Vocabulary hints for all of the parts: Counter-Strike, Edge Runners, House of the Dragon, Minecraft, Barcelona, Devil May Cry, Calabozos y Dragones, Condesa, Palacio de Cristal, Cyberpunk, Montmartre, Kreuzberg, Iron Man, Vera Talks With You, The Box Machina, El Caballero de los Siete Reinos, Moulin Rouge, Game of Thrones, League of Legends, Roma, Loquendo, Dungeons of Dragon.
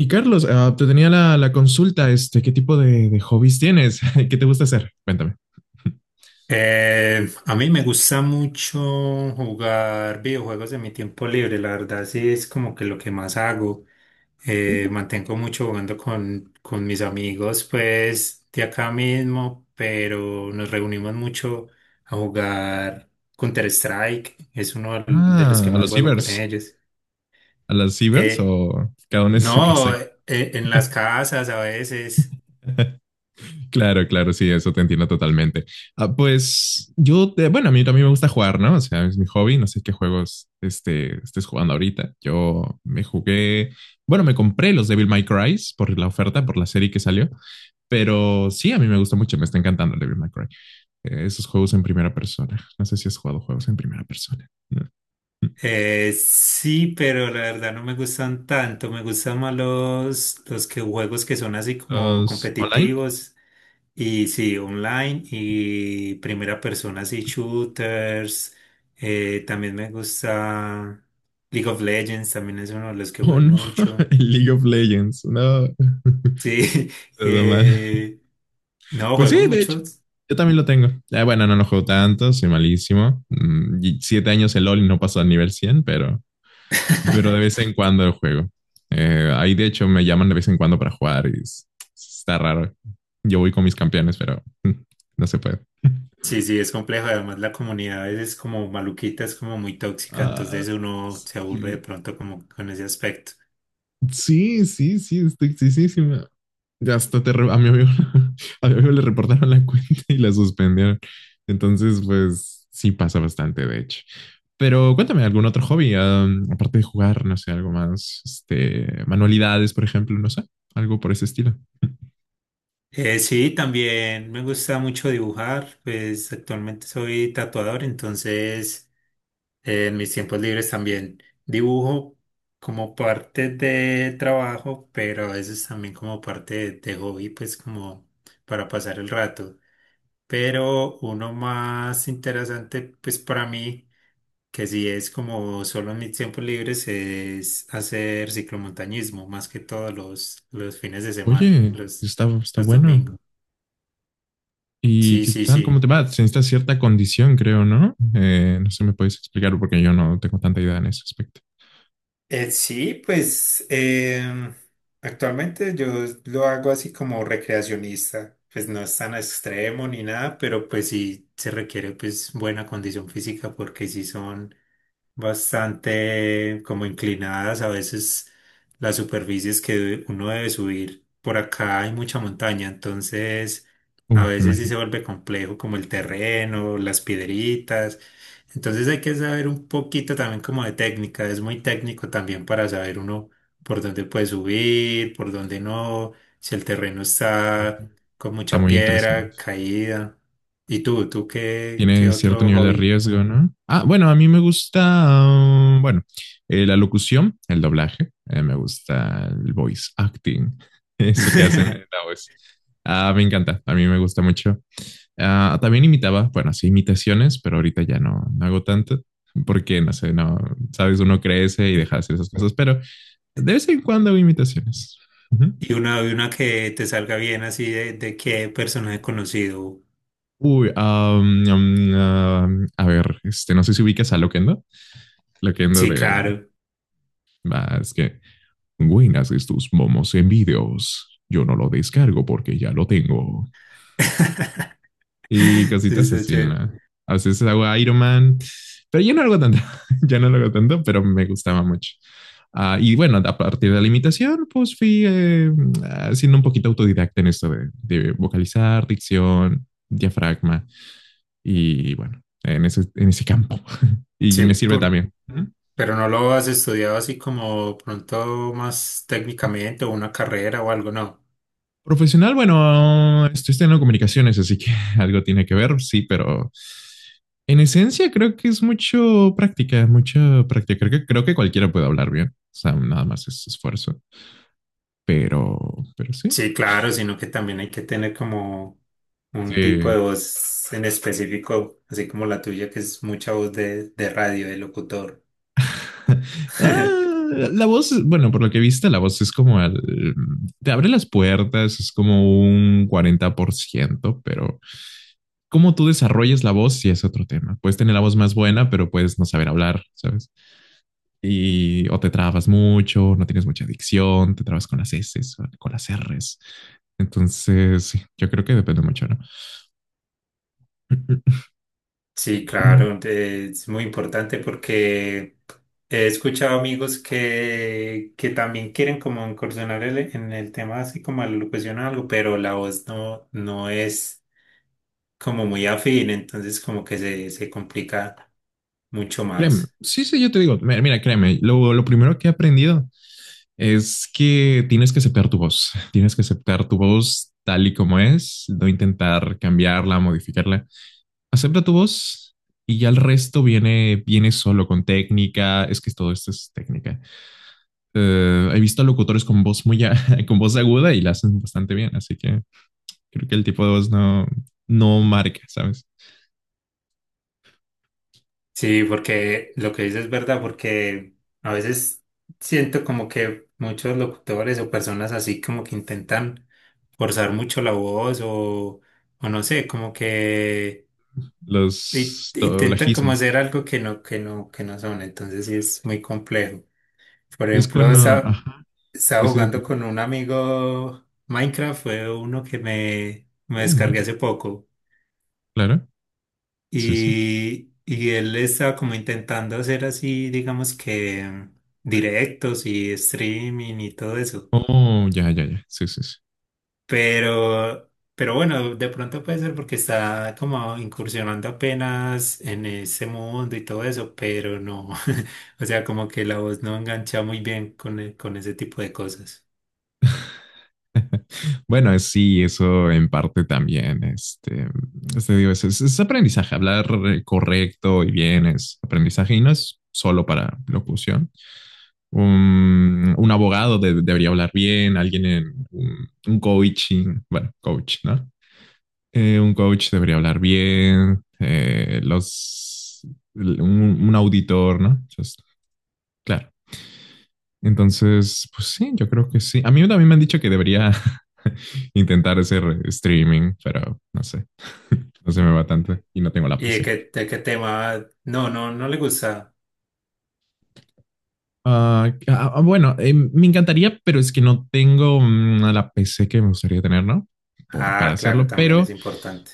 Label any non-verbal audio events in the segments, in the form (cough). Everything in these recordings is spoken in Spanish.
Y Carlos, te tenía la consulta, este, ¿qué tipo de hobbies tienes? (laughs) ¿Qué te gusta hacer? Cuéntame. (laughs) A mí me gusta mucho jugar videojuegos en mi tiempo libre, la verdad sí es como que lo que más hago. Uh. Mantengo mucho jugando con mis amigos, pues de acá mismo, pero nos reunimos mucho a jugar Counter-Strike, es uno de los que A más los juego con cibers ellos. a las cibers Eh, o cada uno en su casa. no, en las casas a veces. (laughs) Claro, claro, sí, eso te entiendo totalmente. Pues yo, bueno, a mí también me gusta jugar, ¿no? O sea, es mi hobby, no sé qué juegos este, estés jugando ahorita. Yo me jugué, bueno, me compré los Devil May Cry por la oferta, por la serie que salió, pero sí, a mí me gusta mucho, me está encantando el Devil May Cry. Esos juegos en primera persona, no sé si has jugado juegos en primera persona, ¿no? Sí, pero la verdad no me gustan tanto. Me gustan más los que juegos que son así como ¿Los online? competitivos y sí, online y primera persona, así shooters. También me gusta League of Legends, también es uno de los que Oh, juego no, (laughs) mucho. el League of Legends, no, Sí, (laughs) (laughs) todo mal. eh, no, Pues sí, juego de hecho. muchos. Yo también lo tengo. Ya, bueno, no lo juego tanto, soy malísimo. Y 7 años el LOL y no paso al nivel 100, pero (laughs) de vez en cuando lo juego. Ahí de hecho me llaman de vez en cuando para jugar está raro. Yo voy con mis campeones, pero (laughs) no se puede. Sí, sí, es complejo. Además, la comunidad a veces es como maluquita, es como muy tóxica, Ah, entonces uno se aburre de sí. pronto como con ese aspecto. Sí, sí, sí, estoy tristísima. Ya hasta a mi amigo, (laughs) a mi amigo le reportaron la cuenta y la suspendieron. Entonces, pues sí pasa bastante, de hecho. Pero cuéntame, ¿algún otro hobby? Aparte de jugar, no sé, algo más, este, manualidades, por ejemplo, no sé, algo por ese estilo. Sí, también me gusta mucho dibujar, pues actualmente soy tatuador, entonces en mis tiempos libres también dibujo como parte de trabajo, pero a veces también como parte de hobby, pues como para pasar el rato. Pero uno más interesante, pues para mí, que si es como solo en mis tiempos libres es hacer ciclomontañismo, más que todos los fines de semana, Oye, está los bueno. domingos. ¿Y Sí, qué sí, tal? ¿Cómo sí. te va? Se necesita cierta condición, creo, ¿no? No sé, me puedes explicar porque yo no tengo tanta idea en ese aspecto. Sí, pues actualmente yo lo hago así como recreacionista, pues no es tan extremo ni nada, pero pues sí se requiere pues buena condición física porque sí son bastante como inclinadas, a veces las superficies que uno debe subir. Por acá hay mucha montaña, entonces a Uf, veces sí imagino. se vuelve complejo como el terreno, las piedritas. Entonces hay que saber un poquito también como de técnica, es muy técnico también para saber uno por dónde puede subir, por dónde no, si el terreno Uy, está con está mucha muy interesante. piedra, caída. ¿Y tú qué, Tiene qué cierto otro nivel de hobby? riesgo, ¿no? Bueno, a mí me gusta, bueno, la locución, el doblaje, me gusta el voice acting, (laughs) eso que hacen en la (laughs) voz. Me encanta, a mí me gusta mucho. También imitaba, bueno, sí, imitaciones, pero ahorita ya no, no hago tanto porque, no sé, no, sabes, uno crece y deja de hacer esas cosas, pero de vez en cuando hago imitaciones. Ujú. Y una que te salga bien así de qué personaje conocido. Uy, a ver, este, no sé si ubicas a Loquendo. Loquendo Sí, de, claro. Es que, buenas estos momos en vídeos. Yo no lo descargo porque ya lo tengo. (laughs) Y Sí, cositas está así, chévere. ¿no? A veces hago Iron Man, pero yo no lo hago tanto, (laughs) ya no lo hago tanto, pero me gustaba mucho. Y bueno, a partir de la imitación, pues fui siendo un poquito autodidacta en esto de vocalizar, dicción, diafragma y bueno, en ese campo. (laughs) Y Sí, me sirve por, también. pero no lo has estudiado así como pronto más técnicamente o una carrera o algo, no. Profesional, bueno, estoy estudiando comunicaciones, así que (laughs) algo tiene que ver, sí, pero en esencia creo que es mucho práctica, mucha práctica. Creo que cualquiera puede hablar bien, o sea, nada más es esfuerzo, pero, pero sí. Sí, claro, sino que también hay que tener como un tipo de Sí. voz en específico, así como la tuya, que es mucha voz de radio, de locutor. (laughs) Ah, (laughs) la voz, bueno, por lo que viste, la voz es como el, te abre las puertas, es como un 40%, pero cómo tú desarrollas la voz sí es otro tema. Puedes tener la voz más buena, pero puedes no saber hablar, ¿sabes? Y o te trabas mucho, no tienes mucha adicción, te trabas con las S, con las erres. Entonces, sí, yo creo que depende mucho, ¿no? (laughs) Sí, claro, es muy importante porque he escuchado amigos que también quieren como incursionar en el tema así como a la locución o algo, pero la voz no, no es como muy afín, entonces como que se complica mucho Créeme, más. sí, sí, yo te digo, mira, mira, créeme, lo primero que he aprendido es que tienes que aceptar tu voz, tienes que aceptar tu voz tal y como es, no intentar cambiarla, modificarla. Acepta tu voz y ya el resto viene, viene solo con técnica, es que todo esto es técnica. He visto locutores con voz (laughs) con voz aguda y la hacen bastante bien, así que creo que el tipo de voz no, no marca, ¿sabes? Sí, porque lo que dices es verdad, porque a veces siento como que muchos locutores o personas así como que intentan forzar mucho la voz o no sé, como que Los intentan como doblajismos. hacer algo que no son, entonces sí es muy complejo. Por Es ejemplo, cuando, ajá. Sí, estaba sí, sí. jugando con un amigo Minecraft, fue uno que me Oh, my descargué God. hace poco Claro. Sí, sí. Y él estaba como intentando hacer así, digamos que directos y streaming y todo eso. Oh, ya, ya, ya. Sí, sí, sí. Pero bueno, de pronto puede ser porque está como incursionando apenas en ese mundo y todo eso, pero no. (laughs) O sea, como que la voz no engancha muy bien con, con ese tipo de cosas. Bueno, sí, eso en parte también, este digo, es aprendizaje, hablar correcto y bien es aprendizaje y no es solo para locución. Un abogado debería hablar bien, alguien en un coaching, bueno, coach, ¿no? Un coach debería hablar bien, los, un, un auditor, ¿no? Entonces, claro. Entonces, pues sí, yo creo que sí. A mí también me han dicho que debería (laughs) intentar hacer streaming, pero no sé. (laughs) No se me va tanto y no tengo la ¿Y PC. De qué tema? No, no, no le gusta. Bueno, me encantaría, pero es que no tengo a la PC que me gustaría tener, ¿no? Para Ah, claro, hacerlo, también es pero importante.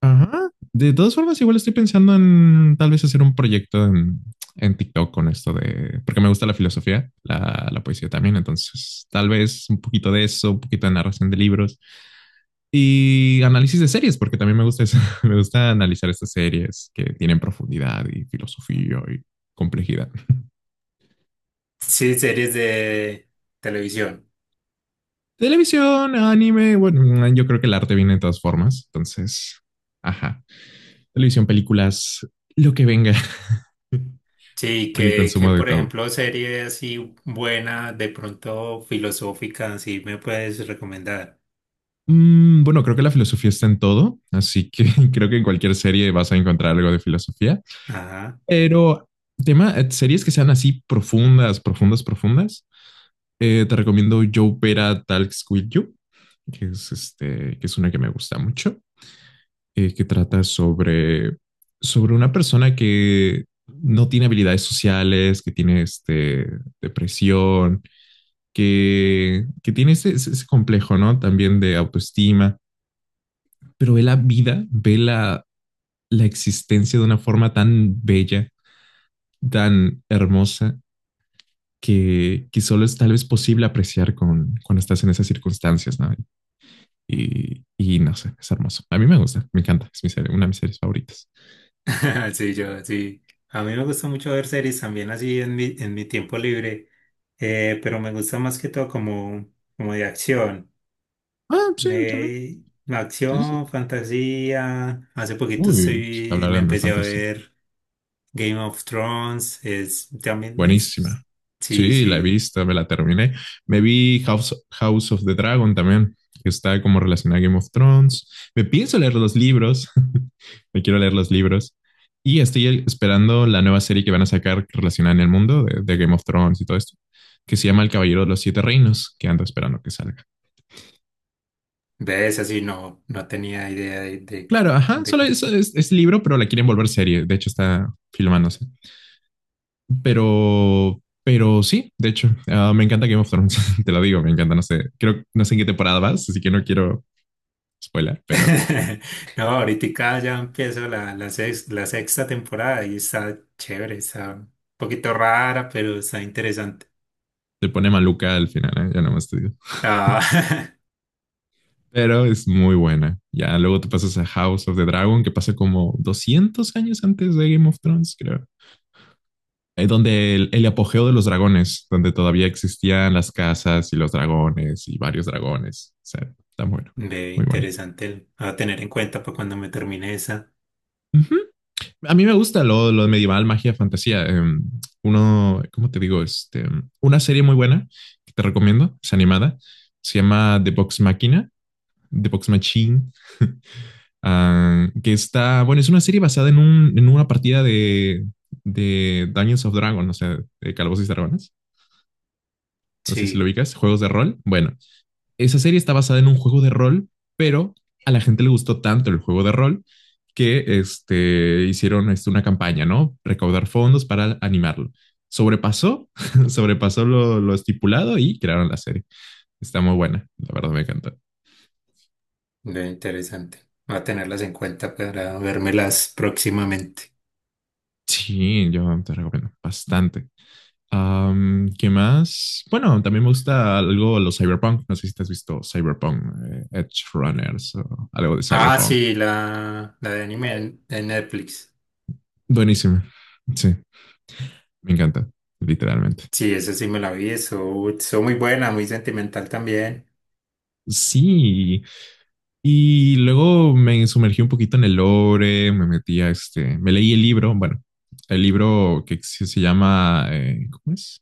ajá, de todas formas, igual estoy pensando en tal vez hacer un proyecto en TikTok con esto de, porque me gusta la filosofía, la poesía también, entonces tal vez un poquito de eso, un poquito de narración de libros y análisis de series, porque también me gusta eso, (laughs) me gusta analizar estas series que tienen profundidad y filosofía y complejidad. Sí, series de televisión. Televisión, anime, bueno, yo creo que el arte viene de todas formas, entonces, ajá. Televisión, películas, lo que venga, (laughs) Sí, porque que consumo de por todo. ejemplo, series así buenas, de pronto filosóficas, sí me puedes recomendar. Bueno, creo que la filosofía está en todo, así que (laughs) creo que en cualquier serie vas a encontrar algo de filosofía, Ajá. pero tema, series que sean así profundas, profundas, profundas, te recomiendo Yo Vera Talks With You, que es, este, que es una que me gusta mucho. Que trata sobre una persona que no tiene habilidades sociales, que tiene este, depresión, que tiene ese, ese complejo, ¿no? También de autoestima, pero ve la vida, ve la existencia de una forma tan bella, tan hermosa, que solo es tal vez posible apreciar cuando estás en esas circunstancias, ¿no? Y no sé, es hermoso. A mí me gusta, me encanta, una de mis series favoritas. (laughs) Sí, yo, sí. A mí me gusta mucho ver series también así en mi tiempo libre, pero me gusta más que todo como, como de acción. Sí, también. Me, Sí, sí. Sí. acción, fantasía. Hace poquito Uy, sí que estoy, hablar me de mi empecé a fantasía. ver Game of Thrones. Es, también Buenísima. es, sí, Sí, la he sí. visto, me la terminé. Me vi House of the Dragon también, que está como relacionada a Game of Thrones. Me pienso leer los libros. (laughs) Me quiero leer los libros. Y estoy esperando la nueva serie que van a sacar relacionada en el mundo de Game of Thrones y todo esto, que se llama El Caballero de los Siete Reinos, que ando esperando que salga. Ves, así no, no tenía idea de, Claro, ajá, de. solo es libro, pero la quieren volver serie. De hecho, está filmándose. Pero sí, de hecho, me encanta Game of Thrones, (laughs) te lo digo, me encanta, no sé, creo, no sé en qué temporada vas, así que no quiero spoiler, pero (laughs) No, ahorita ya empiezo la, la, la sexta temporada y está chévere, está un poquito rara, pero está interesante. te pone maluca al final, ¿eh? Ya nomás te digo. Ah, Pero es muy buena. Ya luego te pasas a House of the Dragon, que pasa como 200 años antes de Game of Thrones, creo. Es donde el apogeo de los dragones, donde todavía existían las casas y los dragones y varios dragones. O sea, está bueno, (laughs) ve, muy bueno. interesante. Va a tener en cuenta para cuando me termine esa. Ujú. A mí me gusta lo medieval, magia, fantasía. Uno, ¿cómo te digo? Este, una serie muy buena que te recomiendo, es animada, se llama The Box Machine, que está, bueno, es una serie basada en una partida de Dungeons of Dragon, o sea, de Calabozos y Dragones. No sé si lo Sí, ubicas, juegos de rol. Bueno, esa serie está basada en un juego de rol, pero a la gente le gustó tanto el juego de rol que este, hicieron este, una campaña, ¿no? Recaudar fondos para animarlo. Sobrepasó, (laughs) sobrepasó lo estipulado y crearon la serie. Está muy buena, la verdad me encanta. ve, interesante. Va a tenerlas en cuenta para vérmelas próximamente. Sí, yo te recomiendo bastante. ¿Qué más? Bueno, también me gusta algo los cyberpunk. No sé si te has visto cyberpunk, Edge Runners o algo de Ah, cyberpunk. sí, la de anime de Netflix. Buenísimo. Sí, me encanta, literalmente. Sí, esa sí me la vi, eso muy buena, muy sentimental también. Sí, y luego me sumergí un poquito en el lore, me metí a este, me leí el libro, bueno, el libro que se llama, ¿cómo es?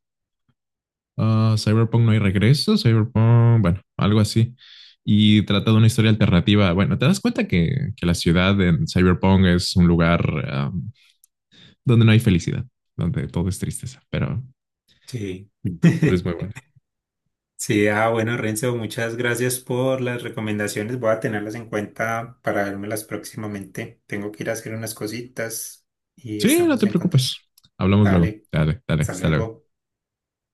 Cyberpunk no hay regreso, Cyberpunk, bueno, algo así. Y trata de una historia alternativa. Bueno, te das cuenta que la ciudad en Cyberpunk es un lugar donde no hay felicidad, donde todo es tristeza, pero, Sí. pero es muy (laughs) bueno. Sí, ah, bueno, Renzo, muchas gracias por las recomendaciones. Voy a tenerlas en cuenta para vérmelas próximamente. Tengo que ir a hacer unas cositas y Sí, no estamos te en preocupes. contacto. Hablamos luego. Dale, Dale, dale, hasta hasta luego. luego.